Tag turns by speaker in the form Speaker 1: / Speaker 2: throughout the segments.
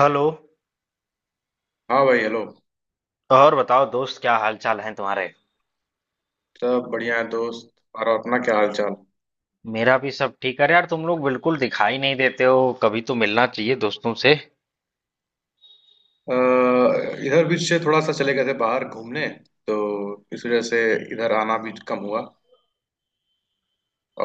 Speaker 1: Hello.
Speaker 2: हाँ भाई hello.
Speaker 1: तो और बताओ दोस्त, क्या हाल चाल है तुम्हारे।
Speaker 2: सब बढ़िया है दोस्त। और अपना क्या हाल चाल?
Speaker 1: मेरा भी सब ठीक है। अरे यार, तुम लोग बिल्कुल दिखाई नहीं देते हो। कभी तो मिलना चाहिए दोस्तों से।
Speaker 2: इधर बीच से थोड़ा सा चले गए थे बाहर घूमने, तो इस वजह से इधर आना भी कम हुआ।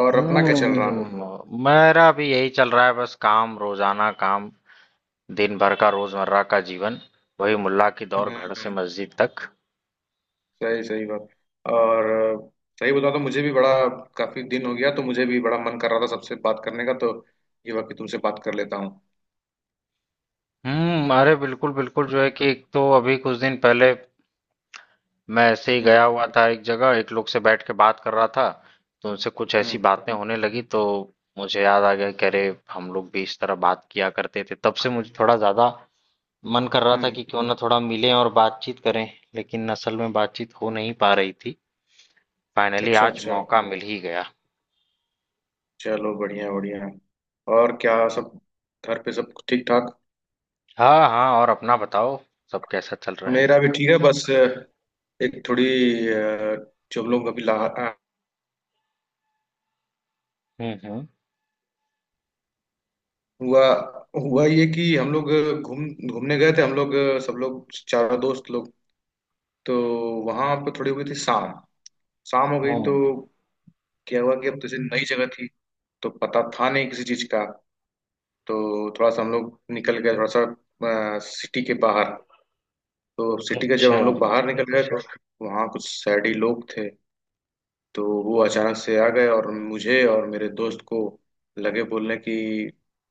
Speaker 2: और अपना क्या चल रहा?
Speaker 1: मेरा भी यही चल रहा है, बस काम, रोजाना काम। दिन भर का रोजमर्रा का जीवन। वही मुल्ला की
Speaker 2: हम्म।
Speaker 1: दौड़, घर से
Speaker 2: हम्म।
Speaker 1: मस्जिद तक।
Speaker 2: सही सही बात। और सही बता, तो मुझे भी बड़ा, काफी दिन हो गया, तो मुझे भी बड़ा मन कर रहा था सबसे बात करने का, तो ये वक्त तुमसे बात कर लेता हूँ।
Speaker 1: अरे बिल्कुल बिल्कुल, जो है कि एक तो अभी कुछ दिन पहले मैं ऐसे ही
Speaker 2: हम्म।
Speaker 1: गया हुआ था, एक जगह एक लोग से बैठ के बात कर रहा था। तो उनसे कुछ ऐसी
Speaker 2: हम्म।
Speaker 1: बातें होने लगी तो मुझे याद आ गया कि अरे, हम लोग भी इस तरह बात किया करते थे। तब से मुझे थोड़ा ज्यादा मन कर रहा था
Speaker 2: हम्म।
Speaker 1: कि क्यों ना थोड़ा मिलें और बातचीत करें। लेकिन असल में बातचीत हो नहीं पा रही थी। फाइनली
Speaker 2: अच्छा
Speaker 1: आज
Speaker 2: अच्छा।
Speaker 1: मौका मिल ही गया।
Speaker 2: चलो बढ़िया बढ़िया। और क्या सब घर पे सब ठीक ठाक?
Speaker 1: हाँ हाँ, और अपना बताओ, सब कैसा चल रहा है।
Speaker 2: मेरा भी ठीक है, बस एक थोड़ी अ, जो हम लोग अभी
Speaker 1: हम्म। हम्म।
Speaker 2: हुआ हुआ ये कि हम लोग घूम घूमने गए थे हम लोग, सब लोग चारों दोस्त लोग। तो वहां पे थोड़ी हुई थी शाम, शाम हो गई तो
Speaker 1: हम्म।
Speaker 2: क्या हुआ कि अब जैसे नई जगह थी, तो पता था नहीं किसी चीज का, तो थोड़ा सा हम लोग निकल गए थोड़ा सा सिटी के बाहर। तो सिटी के जब
Speaker 1: अच्छा।
Speaker 2: हम लोग बाहर निकल गए तो वहाँ कुछ शहरी लोग थे। तो वो अचानक से आ गए और मुझे और मेरे दोस्त को लगे बोलने की,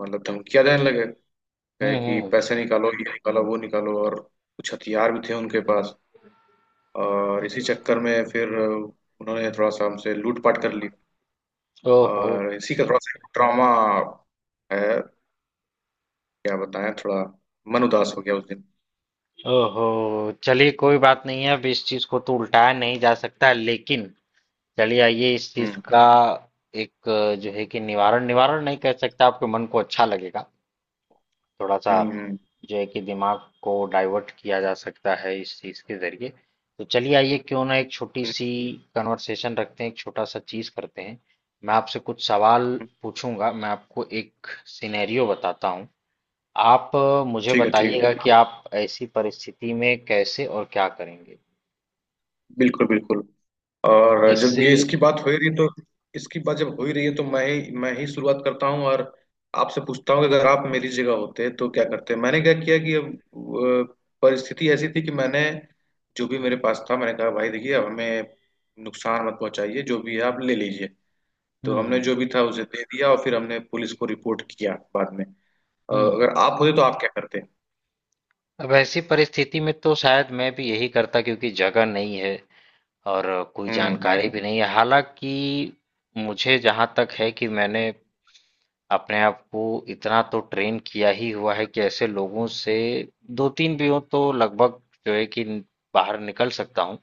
Speaker 2: मतलब धमकियां देने लगे।
Speaker 1: हम्म।
Speaker 2: कहे कि
Speaker 1: हम्म।
Speaker 2: पैसे निकालो, ये निकालो, वो निकालो। और कुछ हथियार भी थे उनके पास, और इसी चक्कर में फिर उन्होंने थोड़ा सा हमसे लूटपाट कर ली।
Speaker 1: ओहो।
Speaker 2: और इसी का थोड़ा सा ट्रॉमा है। क्या बताएं, थोड़ा मन उदास हो गया उस दिन।
Speaker 1: ओहो, चलिए कोई बात नहीं है। अब इस चीज को तो उल्टाया नहीं जा सकता, लेकिन चलिए आइए, इस चीज
Speaker 2: हम्म।
Speaker 1: का एक जो है कि निवारण, निवारण नहीं कह सकता, आपके मन को अच्छा लगेगा थोड़ा सा।
Speaker 2: हम्म। हम्म।
Speaker 1: जो है कि दिमाग को डाइवर्ट किया जा सकता है इस चीज के जरिए। तो चलिए आइए, क्यों ना एक छोटी
Speaker 2: हम्म।
Speaker 1: सी कन्वर्सेशन रखते हैं, एक छोटा सा चीज करते हैं। मैं आपसे कुछ सवाल
Speaker 2: हम्म।
Speaker 1: पूछूंगा। मैं आपको एक सिनेरियो बताता हूँ। आप मुझे
Speaker 2: ठीक है ठीक है।
Speaker 1: बताइएगा कि आप ऐसी परिस्थिति में कैसे और क्या करेंगे।
Speaker 2: बिल्कुल बिल्कुल। और जब
Speaker 1: इससे।
Speaker 2: ये इसकी बात हो ही रही तो इसकी बात जब हो ही रही है, तो मैं ही शुरुआत करता हूँ और आपसे पूछता हूँ कि अगर आप मेरी जगह होते तो क्या करते। मैंने क्या किया कि अब परिस्थिति ऐसी थी कि मैंने, जो भी मेरे पास था मैंने कहा भाई देखिए अब हमें नुकसान मत पहुंचाइए, जो भी है आप ले लीजिए। तो हमने
Speaker 1: हम्म।
Speaker 2: जो भी था उसे दे दिया और फिर हमने पुलिस को रिपोर्ट किया बाद में।
Speaker 1: हम्म।
Speaker 2: अगर आप होते तो आप क्या करते?
Speaker 1: अब ऐसी परिस्थिति में तो शायद मैं भी यही करता, क्योंकि जगह नहीं है और कोई
Speaker 2: हम्म।
Speaker 1: जानकारी भी नहीं है। हालांकि मुझे जहाँ तक है कि मैंने अपने आप को इतना तो ट्रेन किया ही हुआ है कि ऐसे लोगों से, दो तीन भी हो, तो लगभग जो है कि बाहर निकल सकता हूँ।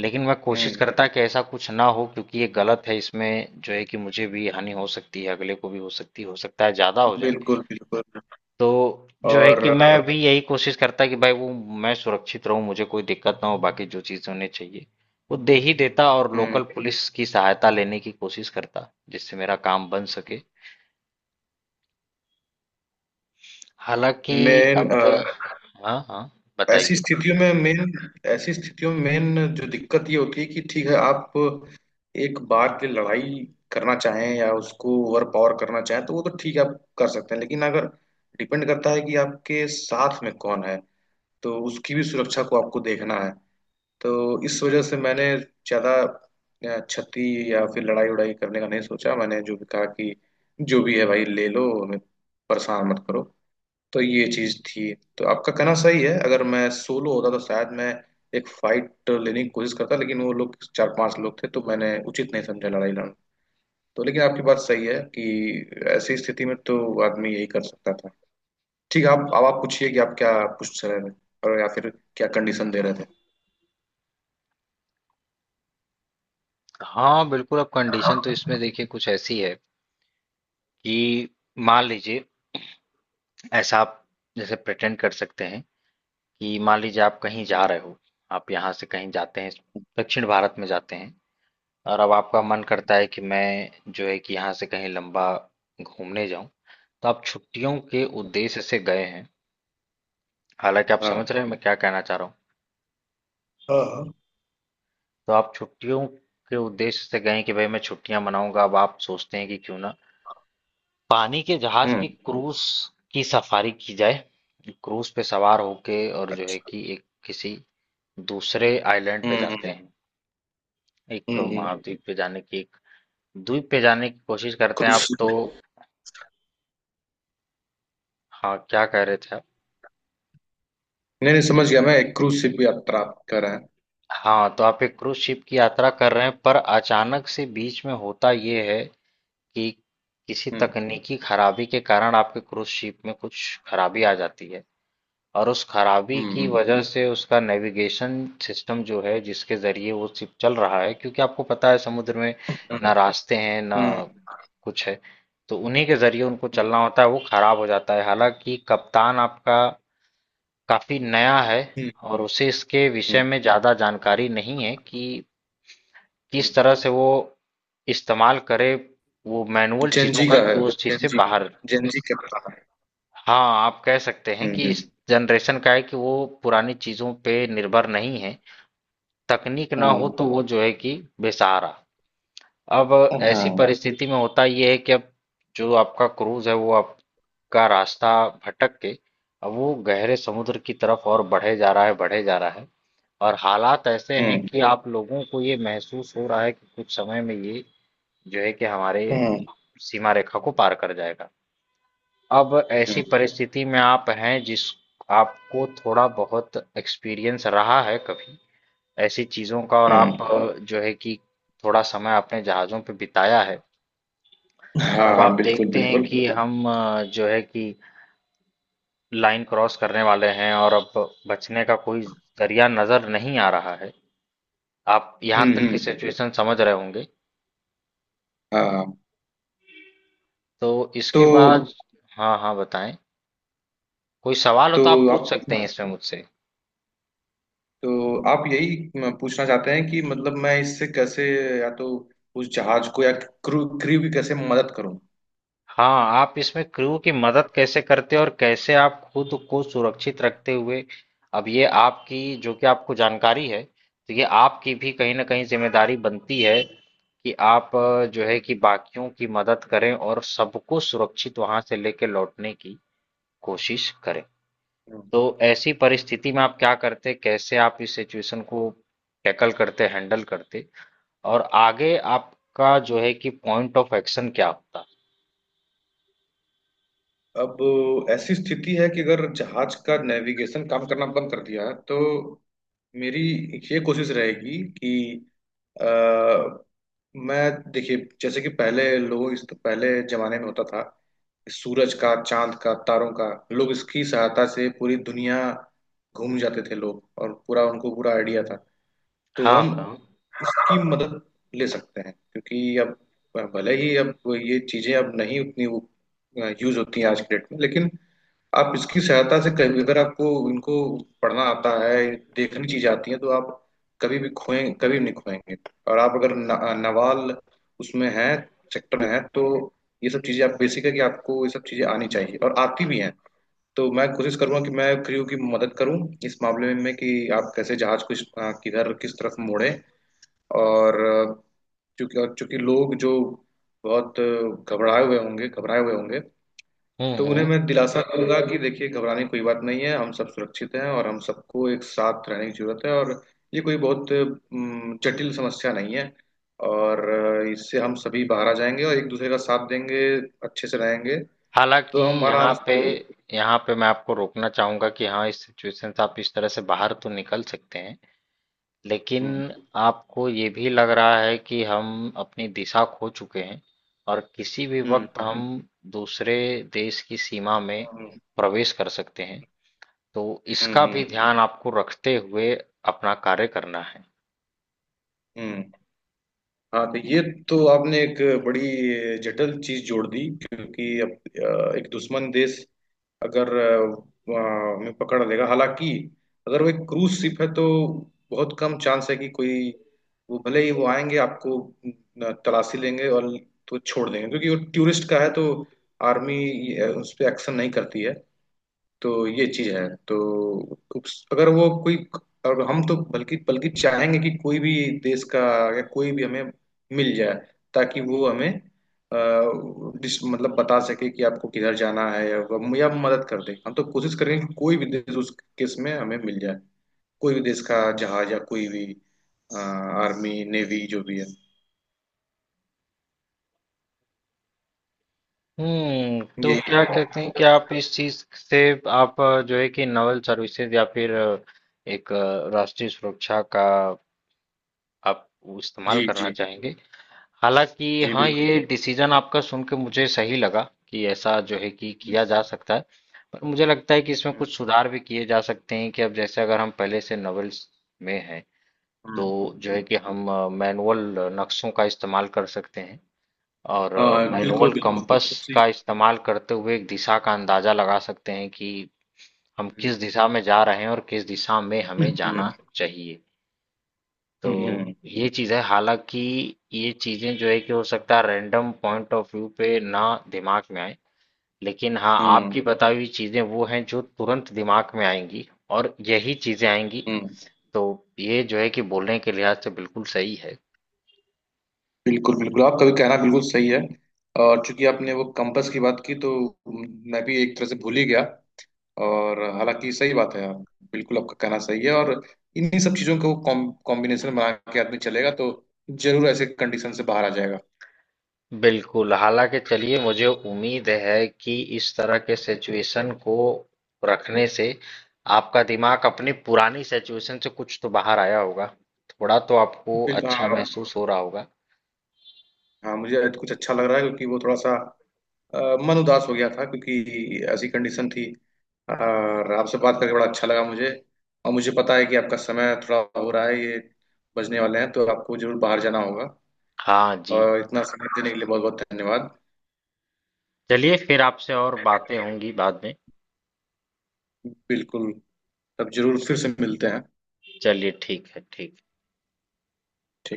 Speaker 1: लेकिन मैं कोशिश
Speaker 2: हम्म।
Speaker 1: करता कि ऐसा कुछ ना हो, क्योंकि ये गलत है। इसमें जो है कि मुझे भी हानि हो सकती है, अगले को भी हो सकती है, हो सकता है ज्यादा हो जाए।
Speaker 2: बिल्कुल बिल्कुल।
Speaker 1: तो जो है कि
Speaker 2: और।
Speaker 1: मैं भी यही कोशिश करता कि भाई वो, मैं सुरक्षित रहूं, मुझे कोई दिक्कत ना हो, बाकी जो चीजें उन्हें चाहिए वो दे ही देता, और
Speaker 2: हम्म।
Speaker 1: लोकल पुलिस की सहायता लेने की कोशिश करता जिससे मेरा काम बन सके। हालांकि
Speaker 2: मेन
Speaker 1: अब, हाँ हाँ
Speaker 2: ऐसी
Speaker 1: बताइए।
Speaker 2: स्थितियों में मेन ऐसी स्थितियों में मेन जो दिक्कत ये होती है कि ठीक है आप एक बार के लिए लड़ाई करना चाहें या उसको ओवर पावर करना चाहें तो वो तो ठीक है, आप कर सकते हैं। लेकिन अगर डिपेंड करता है कि आपके साथ में कौन है तो उसकी भी सुरक्षा को आपको देखना है। तो इस वजह से मैंने ज्यादा क्षति या फिर लड़ाई उड़ाई करने का नहीं सोचा। मैंने जो भी कहा कि जो भी है भाई ले लो, हमें परेशान मत करो। तो ये चीज थी। तो आपका कहना सही है। अगर मैं सोलो होता तो शायद मैं एक फाइट लेने की कोशिश करता, लेकिन वो लोग चार पांच लोग थे तो मैंने उचित नहीं समझा लड़ाई लड़ना। तो लेकिन आपकी बात सही है कि ऐसी स्थिति में तो आदमी यही कर सकता था। ठीक है, आप अब आप पूछिए कि आप क्या पूछ रहे थे और या फिर क्या कंडीशन दे रहे थे।
Speaker 1: हाँ बिल्कुल, अब कंडीशन तो इसमें
Speaker 2: हम्म।
Speaker 1: देखिए कुछ ऐसी है कि मान लीजिए, ऐसा आप जैसे प्रिटेंड कर सकते हैं कि मान लीजिए आप कहीं जा रहे हो। आप यहाँ से कहीं जाते हैं, दक्षिण भारत में जाते हैं, और अब आपका मन करता है कि मैं जो है कि यहाँ से कहीं लंबा घूमने जाऊं। तो आप छुट्टियों के उद्देश्य से गए हैं। हालांकि आप
Speaker 2: हाँ
Speaker 1: समझ रहे हैं मैं क्या कहना चाह रहा हूँ।
Speaker 2: हाँ हाँ।
Speaker 1: तो आप छुट्टियों के उद्देश्य से गए हैं कि भाई मैं छुट्टियां मनाऊंगा। अब आप सोचते हैं कि क्यों ना पानी के जहाज की
Speaker 2: हम्म।
Speaker 1: क्रूज की सफारी की जाए। क्रूज पे सवार होके और जो है
Speaker 2: अच्छा।
Speaker 1: कि एक किसी दूसरे आइलैंड पे
Speaker 2: हम्म।
Speaker 1: जाते
Speaker 2: हम्म।
Speaker 1: हैं, एक
Speaker 2: हम्म। हम्म।
Speaker 1: महाद्वीप पे जाने की, एक द्वीप पे जाने की कोशिश करते हैं
Speaker 2: क्रूज
Speaker 1: आप। तो
Speaker 2: शिप।
Speaker 1: हाँ, क्या कह रहे थे आप।
Speaker 2: नहीं नहीं, समझ गया मैं, एक क्रूज शिप यात्रा आप कह रहे हैं।
Speaker 1: हाँ, तो आप एक क्रूज शिप की यात्रा कर रहे हैं, पर अचानक से बीच में होता ये है कि किसी
Speaker 2: हम्म।
Speaker 1: तकनीकी खराबी के कारण आपके क्रूज शिप में कुछ खराबी आ जाती है। और उस खराबी की
Speaker 2: हम्म।
Speaker 1: वजह से उसका नेविगेशन सिस्टम, जो है जिसके ज़रिए वो शिप चल रहा है, क्योंकि आपको पता है समुद्र में
Speaker 2: हम्म।
Speaker 1: ना रास्ते हैं ना
Speaker 2: हम्म।
Speaker 1: कुछ है, तो उन्हीं के ज़रिए उनको
Speaker 2: हम्म।
Speaker 1: चलना होता है, वो खराब हो जाता है। हालांकि कप्तान आपका काफ़ी नया है,
Speaker 2: हम्म।
Speaker 1: और उसे इसके विषय
Speaker 2: हम्म।
Speaker 1: में ज़्यादा जानकारी नहीं है कि किस
Speaker 2: हम्म।
Speaker 1: तरह से वो इस्तेमाल करे वो मैनुअल चीज़ों
Speaker 2: जेनजी
Speaker 1: का,
Speaker 2: का
Speaker 1: कि
Speaker 2: है।
Speaker 1: वो उस चीज़ से
Speaker 2: जेनजी।
Speaker 1: बाहर।
Speaker 2: जेनजी का पता है।
Speaker 1: हाँ, आप कह सकते हैं कि
Speaker 2: हम्म।
Speaker 1: इस जनरेशन का है कि वो पुरानी चीजों पे निर्भर नहीं है, तकनीक ना हो
Speaker 2: हम्म।
Speaker 1: तो वो जो है कि बेसहारा। अब
Speaker 2: हाँ
Speaker 1: ऐसी
Speaker 2: हाँ।
Speaker 1: परिस्थिति में होता ये है कि अब जो आपका क्रूज है वो आपका रास्ता भटक के, अब वो गहरे समुद्र की तरफ और बढ़े जा रहा है, बढ़े जा रहा है। और हालात ऐसे हैं
Speaker 2: हम्म।
Speaker 1: कि आप लोगों को ये महसूस हो रहा है कि कुछ समय में ये जो है कि हमारे
Speaker 2: हाँ।
Speaker 1: सीमा रेखा को पार कर जाएगा। अब ऐसी
Speaker 2: हम्म।
Speaker 1: परिस्थिति में आप हैं, जिस आपको थोड़ा बहुत एक्सपीरियंस रहा है कभी ऐसी चीजों का, और आप जो है कि थोड़ा समय आपने जहाजों पे बिताया है।
Speaker 2: हाँ
Speaker 1: और
Speaker 2: हाँ
Speaker 1: अब
Speaker 2: हाँ
Speaker 1: आप
Speaker 2: बिल्कुल
Speaker 1: देखते हैं
Speaker 2: बिल्कुल।
Speaker 1: कि हम जो है कि लाइन क्रॉस करने वाले हैं और अब बचने का कोई जरिया नजर नहीं आ रहा है। आप यहाँ
Speaker 2: हम्म।
Speaker 1: तक की
Speaker 2: हम्म।
Speaker 1: सिचुएशन समझ रहे होंगे।
Speaker 2: हाँ हाँ।
Speaker 1: तो इसके
Speaker 2: तो
Speaker 1: बाद, हाँ हाँ बताएं, कोई सवाल हो
Speaker 2: तो
Speaker 1: तो आप पूछ
Speaker 2: आप
Speaker 1: सकते हैं इसमें मुझसे।
Speaker 2: आप यही पूछना चाहते हैं कि मतलब मैं इससे कैसे, या तो उस जहाज को या क्रू क्रू की कैसे मदद करूं?
Speaker 1: हाँ, आप इसमें क्रू की मदद कैसे करते हो और कैसे आप खुद को सुरक्षित रखते हुए, अब ये आपकी, जो कि आपको जानकारी है तो ये आपकी भी कहीं ना कहीं जिम्मेदारी बनती है कि आप जो है कि बाकियों की मदद करें और सबको सुरक्षित वहां से लेके लौटने की कोशिश करें। तो ऐसी परिस्थिति में आप क्या करते, कैसे आप इस सिचुएशन को टैकल करते, हैंडल करते, और आगे आपका जो है कि पॉइंट ऑफ एक्शन क्या होता।
Speaker 2: अब ऐसी स्थिति है कि अगर जहाज का नेविगेशन काम करना बंद कर दिया तो मेरी ये कोशिश रहेगी कि अ, मैं, देखिए जैसे कि पहले लोग, इस पहले जमाने में होता था, सूरज का, चांद का, तारों का, लोग इसकी सहायता से पूरी दुनिया घूम जाते थे लोग, और पूरा उनको पूरा आइडिया था। तो
Speaker 1: हाँ
Speaker 2: हम
Speaker 1: हाँ।
Speaker 2: उसकी मदद ले सकते हैं, क्योंकि अब भले ही अब ये चीजें अब नहीं उतनी यूज होती हैं आज के डेट में, लेकिन आप इसकी सहायता से, कभी अगर आपको इनको पढ़ना आता है, देखनी चीजें आती हैं तो आप कभी भी खोएं, कभी भी नहीं खोएंगे। और आप अगर न, नवाल उसमें हैं, सेक्टर में हैं, तो ये सब चीजें, आप बेसिक है कि आपको ये सब चीजें आनी चाहिए और आती भी हैं। तो मैं कोशिश करूंगा कि मैं क्रू की मदद करूं इस मामले में कि आप कैसे जहाज को किधर किस तरफ मोड़ें। और चूंकि लोग जो बहुत घबराए हुए होंगे, तो उन्हें
Speaker 1: हम्म।
Speaker 2: मैं दिलासा दूंगा कि देखिए घबराने की कोई बात नहीं है, हम सब सुरक्षित हैं और हम सबको एक साथ रहने की जरूरत है। और ये कोई बहुत जटिल समस्या नहीं है। और इससे हम सभी बाहर आ जाएंगे और एक दूसरे का साथ देंगे, अच्छे से रहेंगे। तो
Speaker 1: हालाँकि
Speaker 2: हम
Speaker 1: यहाँ
Speaker 2: आराम
Speaker 1: पे,
Speaker 2: से।
Speaker 1: यहाँ पे मैं आपको रोकना चाहूँगा कि हाँ, इस सिचुएशन से आप इस तरह से बाहर तो निकल सकते हैं। लेकिन
Speaker 2: हम्म।
Speaker 1: आपको ये भी लग रहा है कि हम अपनी दिशा खो चुके हैं और किसी भी
Speaker 2: हम्म।
Speaker 1: वक़्त हम दूसरे देश की सीमा में
Speaker 2: हम्म।
Speaker 1: प्रवेश कर सकते हैं। तो
Speaker 2: हम्म।
Speaker 1: इसका भी
Speaker 2: हम्म।
Speaker 1: ध्यान आपको रखते हुए अपना कार्य करना है।
Speaker 2: हम्म। हाँ तो ये। तो आपने एक बड़ी जटिल चीज जोड़ दी, क्योंकि अब एक दुश्मन देश, अगर वहाँ में पकड़ लेगा, हालांकि अगर वो एक क्रूज शिप है तो बहुत कम चांस है कि कोई, वो भले ही वो आएंगे, आपको न, तलाशी लेंगे और तो छोड़ देंगे क्योंकि वो टूरिस्ट का है, तो आर्मी उस पर एक्शन नहीं करती है। तो ये चीज है। तो अगर वो कोई, और हम तो बल्कि बल्कि चाहेंगे कि कोई भी देश का या कोई भी हमें मिल जाए, ताकि वो हमें अ, मतलब बता सके कि आपको किधर जाना है, या या मदद कर दे। हम तो कोशिश करेंगे कि कोई भी देश उस केस में हमें मिल जाए, कोई भी देश का जहाज या कोई भी आर्मी नेवी जो भी है,
Speaker 1: हम्म, तो
Speaker 2: यही
Speaker 1: क्या
Speaker 2: है।
Speaker 1: कहते हैं कि आप इस चीज से, आप जो है कि नवल सर्विसेज या फिर एक राष्ट्रीय सुरक्षा का आप इस्तेमाल
Speaker 2: जी
Speaker 1: करना
Speaker 2: जी।
Speaker 1: चाहेंगे। हालांकि
Speaker 2: जी
Speaker 1: हाँ,
Speaker 2: बिल्कुल।
Speaker 1: ये डिसीजन आपका सुन के मुझे सही लगा, कि ऐसा जो है कि
Speaker 2: हम्म।
Speaker 1: किया जा सकता है। पर मुझे लगता है कि इसमें कुछ सुधार भी किए जा सकते हैं, कि अब जैसे अगर हम पहले से नवल्स में हैं, तो
Speaker 2: हम्म।
Speaker 1: जो है कि
Speaker 2: हम्म।
Speaker 1: हम मैनुअल नक्शों का इस्तेमाल कर सकते हैं, और
Speaker 2: हाँ बिल्कुल
Speaker 1: मैनुअल
Speaker 2: बिल्कुल।
Speaker 1: कंपास
Speaker 2: उसी-
Speaker 1: का इस्तेमाल करते हुए एक दिशा का अंदाजा लगा सकते हैं कि हम
Speaker 2: हम्म।
Speaker 1: किस दिशा में जा रहे हैं और किस दिशा में हमें
Speaker 2: हम्म।
Speaker 1: जाना चाहिए। तो
Speaker 2: हम्म। हम्म।
Speaker 1: ये चीज़ है। हालांकि ये चीज़ें जो है कि हो सकता है रैंडम पॉइंट ऑफ व्यू पे ना दिमाग में आए, लेकिन हाँ,
Speaker 2: हम्म।
Speaker 1: आपकी बताई हुई चीज़ें वो हैं जो तुरंत दिमाग में आएंगी और यही चीज़ें आएंगी।
Speaker 2: हम्म।
Speaker 1: तो ये जो है कि बोलने के लिहाज से बिल्कुल सही है।
Speaker 2: बिल्कुल बिल्कुल आपका भी कहना बिल्कुल सही है। और चूंकि आपने वो कंपास की बात की तो मैं भी एक तरह से भूल ही गया। और हालांकि सही बात है। आप, बिल्कुल आपका कहना सही है। और इन्हीं सब चीजों को कॉम्बिनेशन बना के आदमी चलेगा तो जरूर ऐसे कंडीशन से बाहर आ जाएगा।
Speaker 1: बिल्कुल, हालाँकि चलिए मुझे उम्मीद है कि इस तरह के सिचुएशन को रखने से आपका दिमाग अपनी पुरानी सिचुएशन से कुछ तो बाहर आया होगा। थोड़ा तो आपको
Speaker 2: बिल्कुल
Speaker 1: अच्छा
Speaker 2: हाँ।
Speaker 1: महसूस हो रहा होगा।
Speaker 2: हाँ मुझे आज कुछ अच्छा लग रहा है, क्योंकि वो थोड़ा सा अ, मन उदास हो गया था क्योंकि ऐसी कंडीशन थी। और आपसे बात करके बड़ा अच्छा लगा मुझे। और मुझे पता है कि आपका समय थोड़ा हो रहा है, ये बजने वाले हैं तो आपको जरूर बाहर जाना होगा।
Speaker 1: हाँ जी,
Speaker 2: और इतना समय देने के लिए बहुत बहुत धन्यवाद।
Speaker 1: चलिए फिर आपसे और बातें होंगी बाद में।
Speaker 2: बिल्कुल। तब जरूर फिर से मिलते हैं।
Speaker 1: चलिए ठीक है, ठीक।
Speaker 2: ठीक।